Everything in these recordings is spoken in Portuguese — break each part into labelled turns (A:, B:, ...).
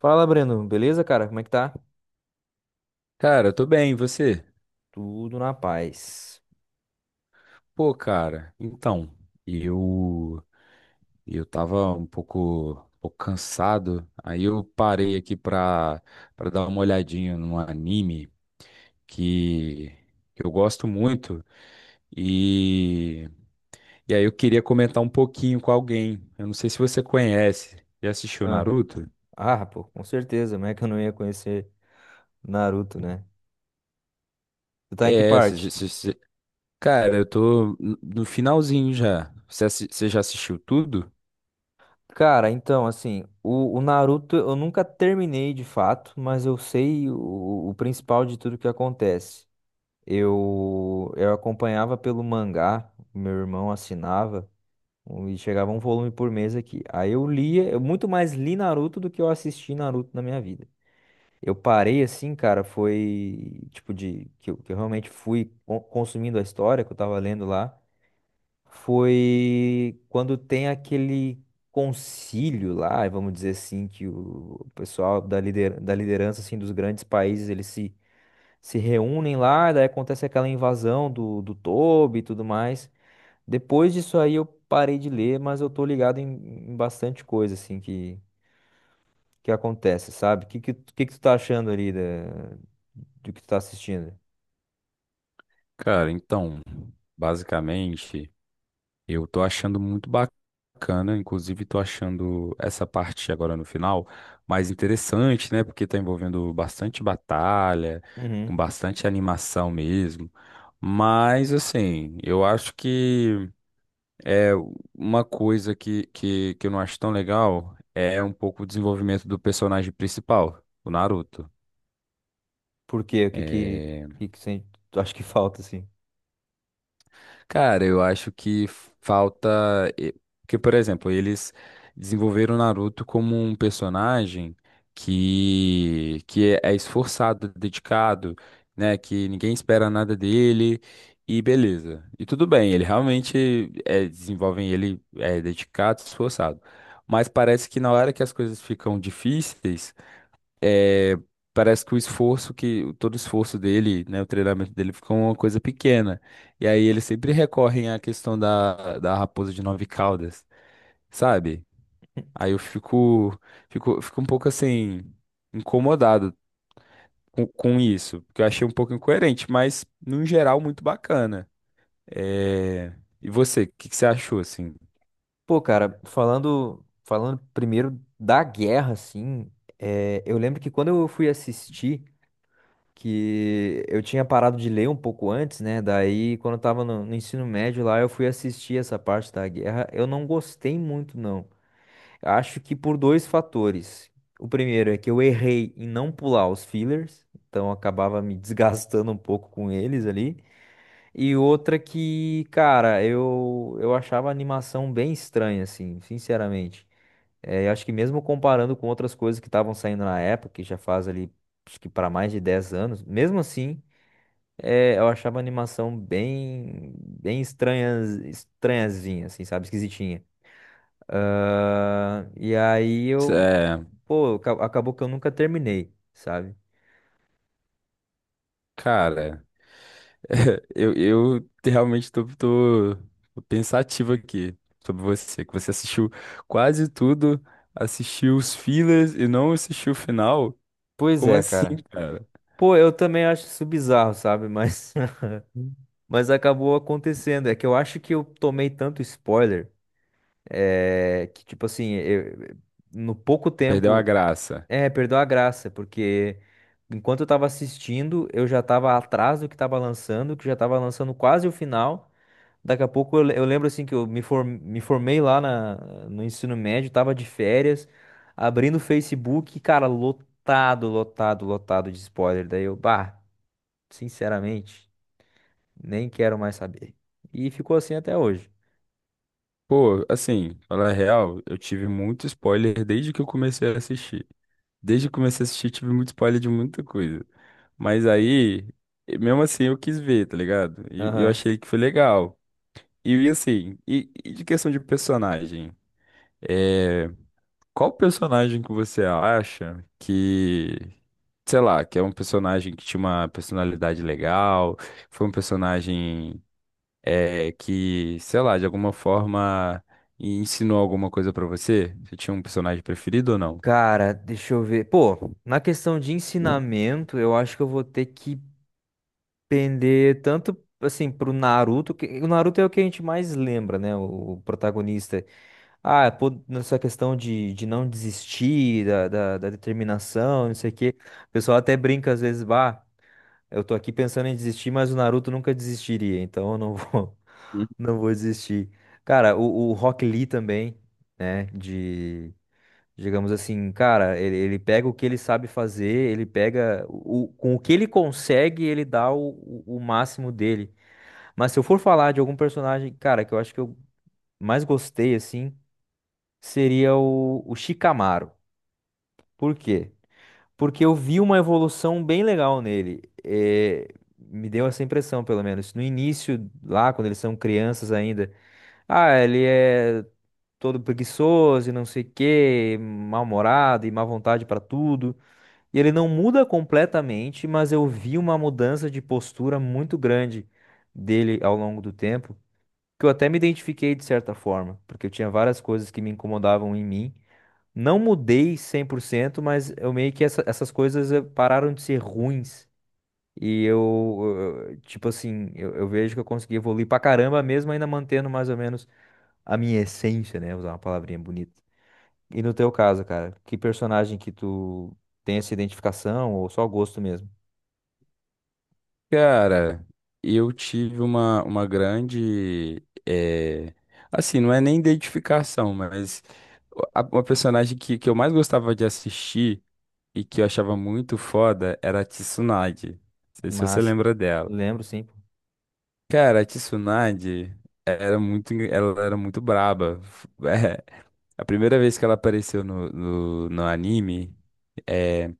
A: Fala, Breno. Beleza, cara? Como é que tá?
B: Cara, eu tô bem, e você?
A: Tudo na paz.
B: Pô, cara, então, eu eu tava um pouco cansado, aí eu parei aqui pra dar uma olhadinha num anime que, que eu gosto muito e, e aí eu queria comentar um pouquinho com alguém. Eu não sei se você conhece, já assistiu
A: Ah,
B: Naruto?
A: ah, pô, com certeza. Como é que eu não ia conhecer Naruto, né? Tu tá em que
B: É, se- se-
A: parte?
B: se- se- Cara, eu tô no finalzinho já. Você já assistiu tudo?
A: Cara, então, assim, o Naruto eu nunca terminei de fato, mas eu sei o principal de tudo que acontece. Eu acompanhava pelo mangá, meu irmão assinava, e chegava um volume por mês aqui. Aí eu lia, eu muito mais li Naruto do que eu assisti Naruto na minha vida. Eu parei assim, cara, foi tipo de que eu realmente fui consumindo a história que eu tava lendo lá, foi quando tem aquele concílio lá, vamos dizer assim, que o pessoal da liderança assim dos grandes países, eles se reúnem lá, daí acontece aquela invasão do Toby e tudo mais. Depois disso aí eu parei de ler, mas eu tô ligado em bastante coisa assim que acontece, sabe? O que, que, tu- Que tu tá achando ali do que tu tá assistindo?
B: Cara, então, basicamente. Eu tô achando muito bacana, inclusive tô achando essa parte agora no final mais interessante, né? Porque tá envolvendo bastante batalha, com
A: Uhum.
B: bastante animação mesmo. Mas assim, eu acho que é uma coisa que eu não acho tão legal é um pouco o desenvolvimento do personagem principal, o Naruto.
A: Por quê? O
B: É,
A: que, que sen- Tu acha que falta, assim?
B: Cara, eu acho que falta. e- Porque, por exemplo, eles desenvolveram o Naruto como um personagem que é esforçado, dedicado, né? Que ninguém espera nada dele. E beleza. E tudo bem, ele realmente é, desenvolvem ele é dedicado, esforçado. Mas parece que na hora que as coisas ficam difíceis é, parece que o esforço que todo o esforço dele, né, o treinamento dele fica uma coisa pequena. E aí eles sempre recorrem à questão da raposa de 9 caudas, sabe? Aí eu fico um pouco assim incomodado com isso, porque eu achei um pouco incoerente, mas no geral muito bacana. É, E você, o que você achou assim?
A: Pô, cara, falando primeiro da guerra, assim, é, eu lembro que quando eu fui assistir, que eu tinha parado de ler um pouco antes, né? Daí, quando eu tava no, no ensino médio lá, eu fui assistir essa parte da guerra. Eu não gostei muito, não. Acho que por dois fatores. O primeiro é que eu errei em não pular os fillers, então eu acabava me desgastando um pouco com eles ali. E outra que, cara, eu achava a animação bem estranha, assim, sinceramente. É, eu acho que mesmo comparando com outras coisas que estavam saindo na época, que já faz ali, acho que para mais de 10 anos, mesmo assim, é, eu achava a animação bem, bem estranha, estranhazinha, assim, sabe, esquisitinha. Ah, e aí
B: Cê-
A: eu,
B: é,
A: pô, acabou que eu nunca terminei, sabe?
B: Cara. Eu realmente tô pensativo aqui sobre você, que você assistiu quase tudo, assistiu os fillers e não assistiu o final.
A: Pois
B: Como
A: é,
B: assim,
A: cara.
B: cara?
A: Pô, eu também acho isso bizarro, sabe? Hum. Mas acabou acontecendo. É que eu acho que eu tomei tanto spoiler, é, que, tipo assim, no pouco
B: Perdeu a
A: tempo,
B: graça.
A: é, perdeu a graça, porque enquanto eu tava assistindo, eu já tava atrás do que tava lançando, que já tava lançando quase o final. Daqui a pouco eu lembro, assim, que eu me formei lá no ensino médio, tava de férias, abrindo o Facebook, cara, lotado, lotado, lotado de spoiler. Daí eu, bah, sinceramente. Nem quero mais saber. E ficou assim até hoje.
B: Pô, assim, falar a real, eu tive muito spoiler desde que eu comecei a assistir. Desde que eu comecei a assistir, tive muito spoiler de muita coisa. Mas aí, e mesmo assim, eu quis ver, tá ligado? E eu
A: Aham.
B: achei que foi legal. E assim, e de questão de personagem? eh, Qual personagem que você acha que, sei lá, que é um personagem que tinha uma personalidade legal, foi um personagem que, sei lá, de alguma forma ensinou alguma coisa pra você? Você tinha um personagem preferido ou não?
A: Cara, deixa eu ver. Pô, na questão de ensinamento, eu acho que eu vou ter que pender tanto assim pro Naruto, que o Naruto é o que a gente mais lembra, né? O protagonista. Ah, pô, nessa questão de não desistir, da determinação, não sei o quê. O pessoal até brinca às vezes, bah. Eu tô aqui pensando em desistir, mas o Naruto nunca desistiria, então eu não vou,
B: Hum.
A: não vou desistir. Cara, o Rock Lee também, né? De, digamos assim, cara, ele pega o que ele sabe fazer, ele pega com o que ele consegue, ele dá o máximo dele. Mas se eu for falar de algum personagem, cara, que eu acho que eu mais gostei, assim, seria o Shikamaru. Por quê? Porque eu vi uma evolução bem legal nele. É, me deu essa impressão, pelo menos. No início, lá, quando eles são crianças ainda, ah, ele é todo preguiçoso e não sei o quê, mal-humorado e má vontade pra tudo. E ele não muda completamente, mas eu vi uma mudança de postura muito grande dele ao longo do tempo, que eu até me identifiquei de certa forma, porque eu tinha várias coisas que me incomodavam em mim. Não mudei 100%, mas eu meio que essas coisas pararam de ser ruins. E eu, tipo assim, eu vejo que eu consegui evoluir pra caramba, mesmo ainda mantendo mais ou menos a minha essência, né? Usar uma palavrinha bonita. E no teu caso, cara, que personagem que tu tem essa identificação ou só gosto mesmo?
B: Cara, eu tive uma grande, assim, não é nem identificação, mas uma personagem que eu mais gostava de assistir e que eu achava muito foda era a Tsunade. Não sei se você
A: Massa.
B: lembra dela.
A: Lembro, sim. Pô.
B: Cara, a Tsunade era muito, ela era muito braba. A primeira vez que ela apareceu no anime, é,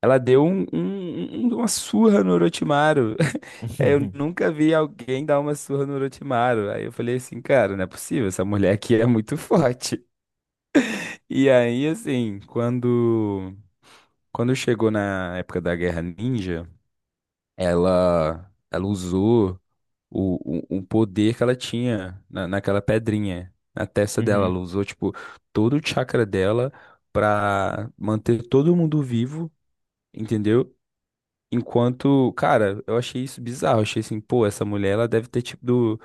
B: ela deu uma surra no Orochimaru. Eu nunca vi alguém dar uma surra no Orochimaru. Aí eu falei assim, cara, não é possível, essa mulher aqui é muito forte. E aí, assim, quando chegou na época da Guerra Ninja. Ela usou o poder que ela tinha na, naquela pedrinha, na testa dela.
A: Uhum.
B: Ela usou, tipo, todo o chakra dela pra manter todo mundo vivo, entendeu? Enquanto, cara, eu achei isso bizarro. Eu achei assim, pô, essa mulher, ela deve ter tipo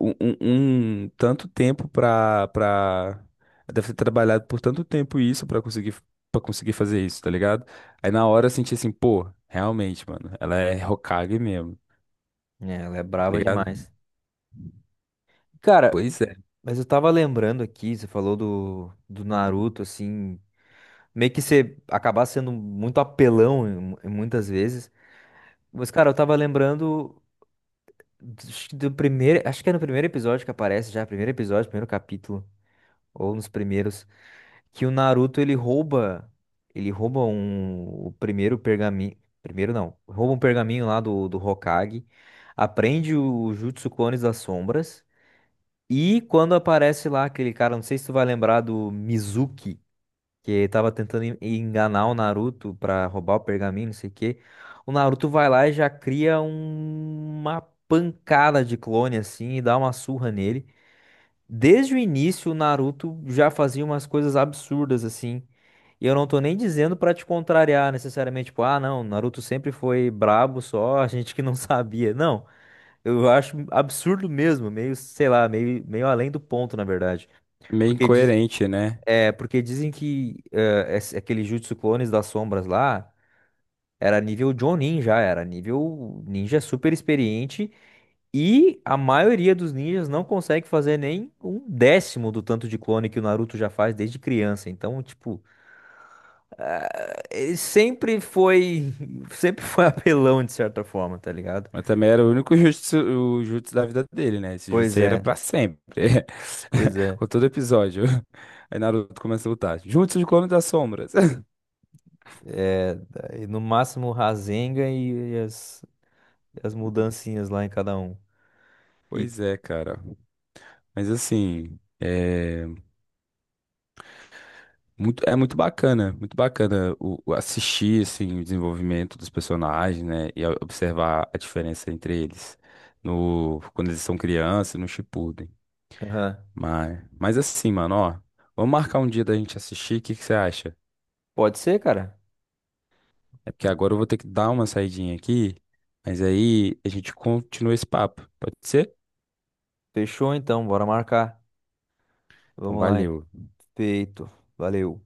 B: um tanto tempo ela deve ter trabalhado por tanto tempo isso pra conseguir fazer isso, tá ligado? Aí na hora eu senti assim, pô, realmente, mano, ela é Hokage mesmo.
A: É, ela é
B: Tá
A: brava
B: ligado?
A: demais. Cara,
B: Pois é.
A: mas eu tava lembrando aqui, você falou do, do Naruto, assim. Meio que você acabar sendo muito apelão em muitas vezes. Mas, cara, eu tava lembrando do, acho que do primeiro. Acho que é no primeiro episódio que aparece já, primeiro episódio, primeiro capítulo, ou nos primeiros, que o Naruto ele rouba. Ele rouba um, o primeiro pergaminho. Primeiro não, rouba um pergaminho lá do, do Hokage, aprende o Jutsu Clones das Sombras. E quando aparece lá aquele cara, não sei se tu vai lembrar do Mizuki, que tava tentando enganar o Naruto pra roubar o pergaminho, não sei o quê. O Naruto vai lá e já cria uma pancada de clone assim e dá uma surra nele. Desde o início, o Naruto já fazia umas coisas absurdas assim. E eu não tô nem dizendo pra te contrariar necessariamente, tipo, ah, não, o Naruto sempre foi brabo só, a gente que não sabia. Não, eu acho absurdo mesmo, meio, sei lá, meio, meio além do ponto, na verdade.
B: Meio
A: Porque diz-
B: incoerente, né?
A: porque dizem que aquele Jutsu Clones das Sombras lá era nível Jonin já, era nível ninja super experiente e a maioria dos ninjas não consegue fazer nem um décimo do tanto de clone que o Naruto já faz desde criança. Então, tipo, sempre foi, sempre foi apelão de certa forma, tá ligado?
B: Mas também era o único jutsu, o jutsu da vida dele, né? Esse jutsu
A: Pois
B: aí era
A: é,
B: pra sempre.
A: pois é.
B: Com todo episódio. Aí Naruto começa a lutar. Jutsu de Clone das Sombras.
A: É, daí no máximo o Rasengan e as, mudancinhas lá em cada um. E,
B: Pois é, cara. Mas assim, é muito bacana o assistir assim, o desenvolvimento dos personagens, né? E observar a diferença entre eles no, quando eles são crianças e no Shippuden.
A: aham.
B: Mas assim, mano, ó. Vamos marcar um dia da gente assistir, o que que você acha?
A: Pode ser, cara.
B: É porque agora eu vou ter que dar uma saidinha aqui, mas aí a gente continua esse papo, pode ser?
A: Fechou então, bora marcar.
B: Então,
A: Vamos lá.
B: valeu.
A: Feito. Valeu.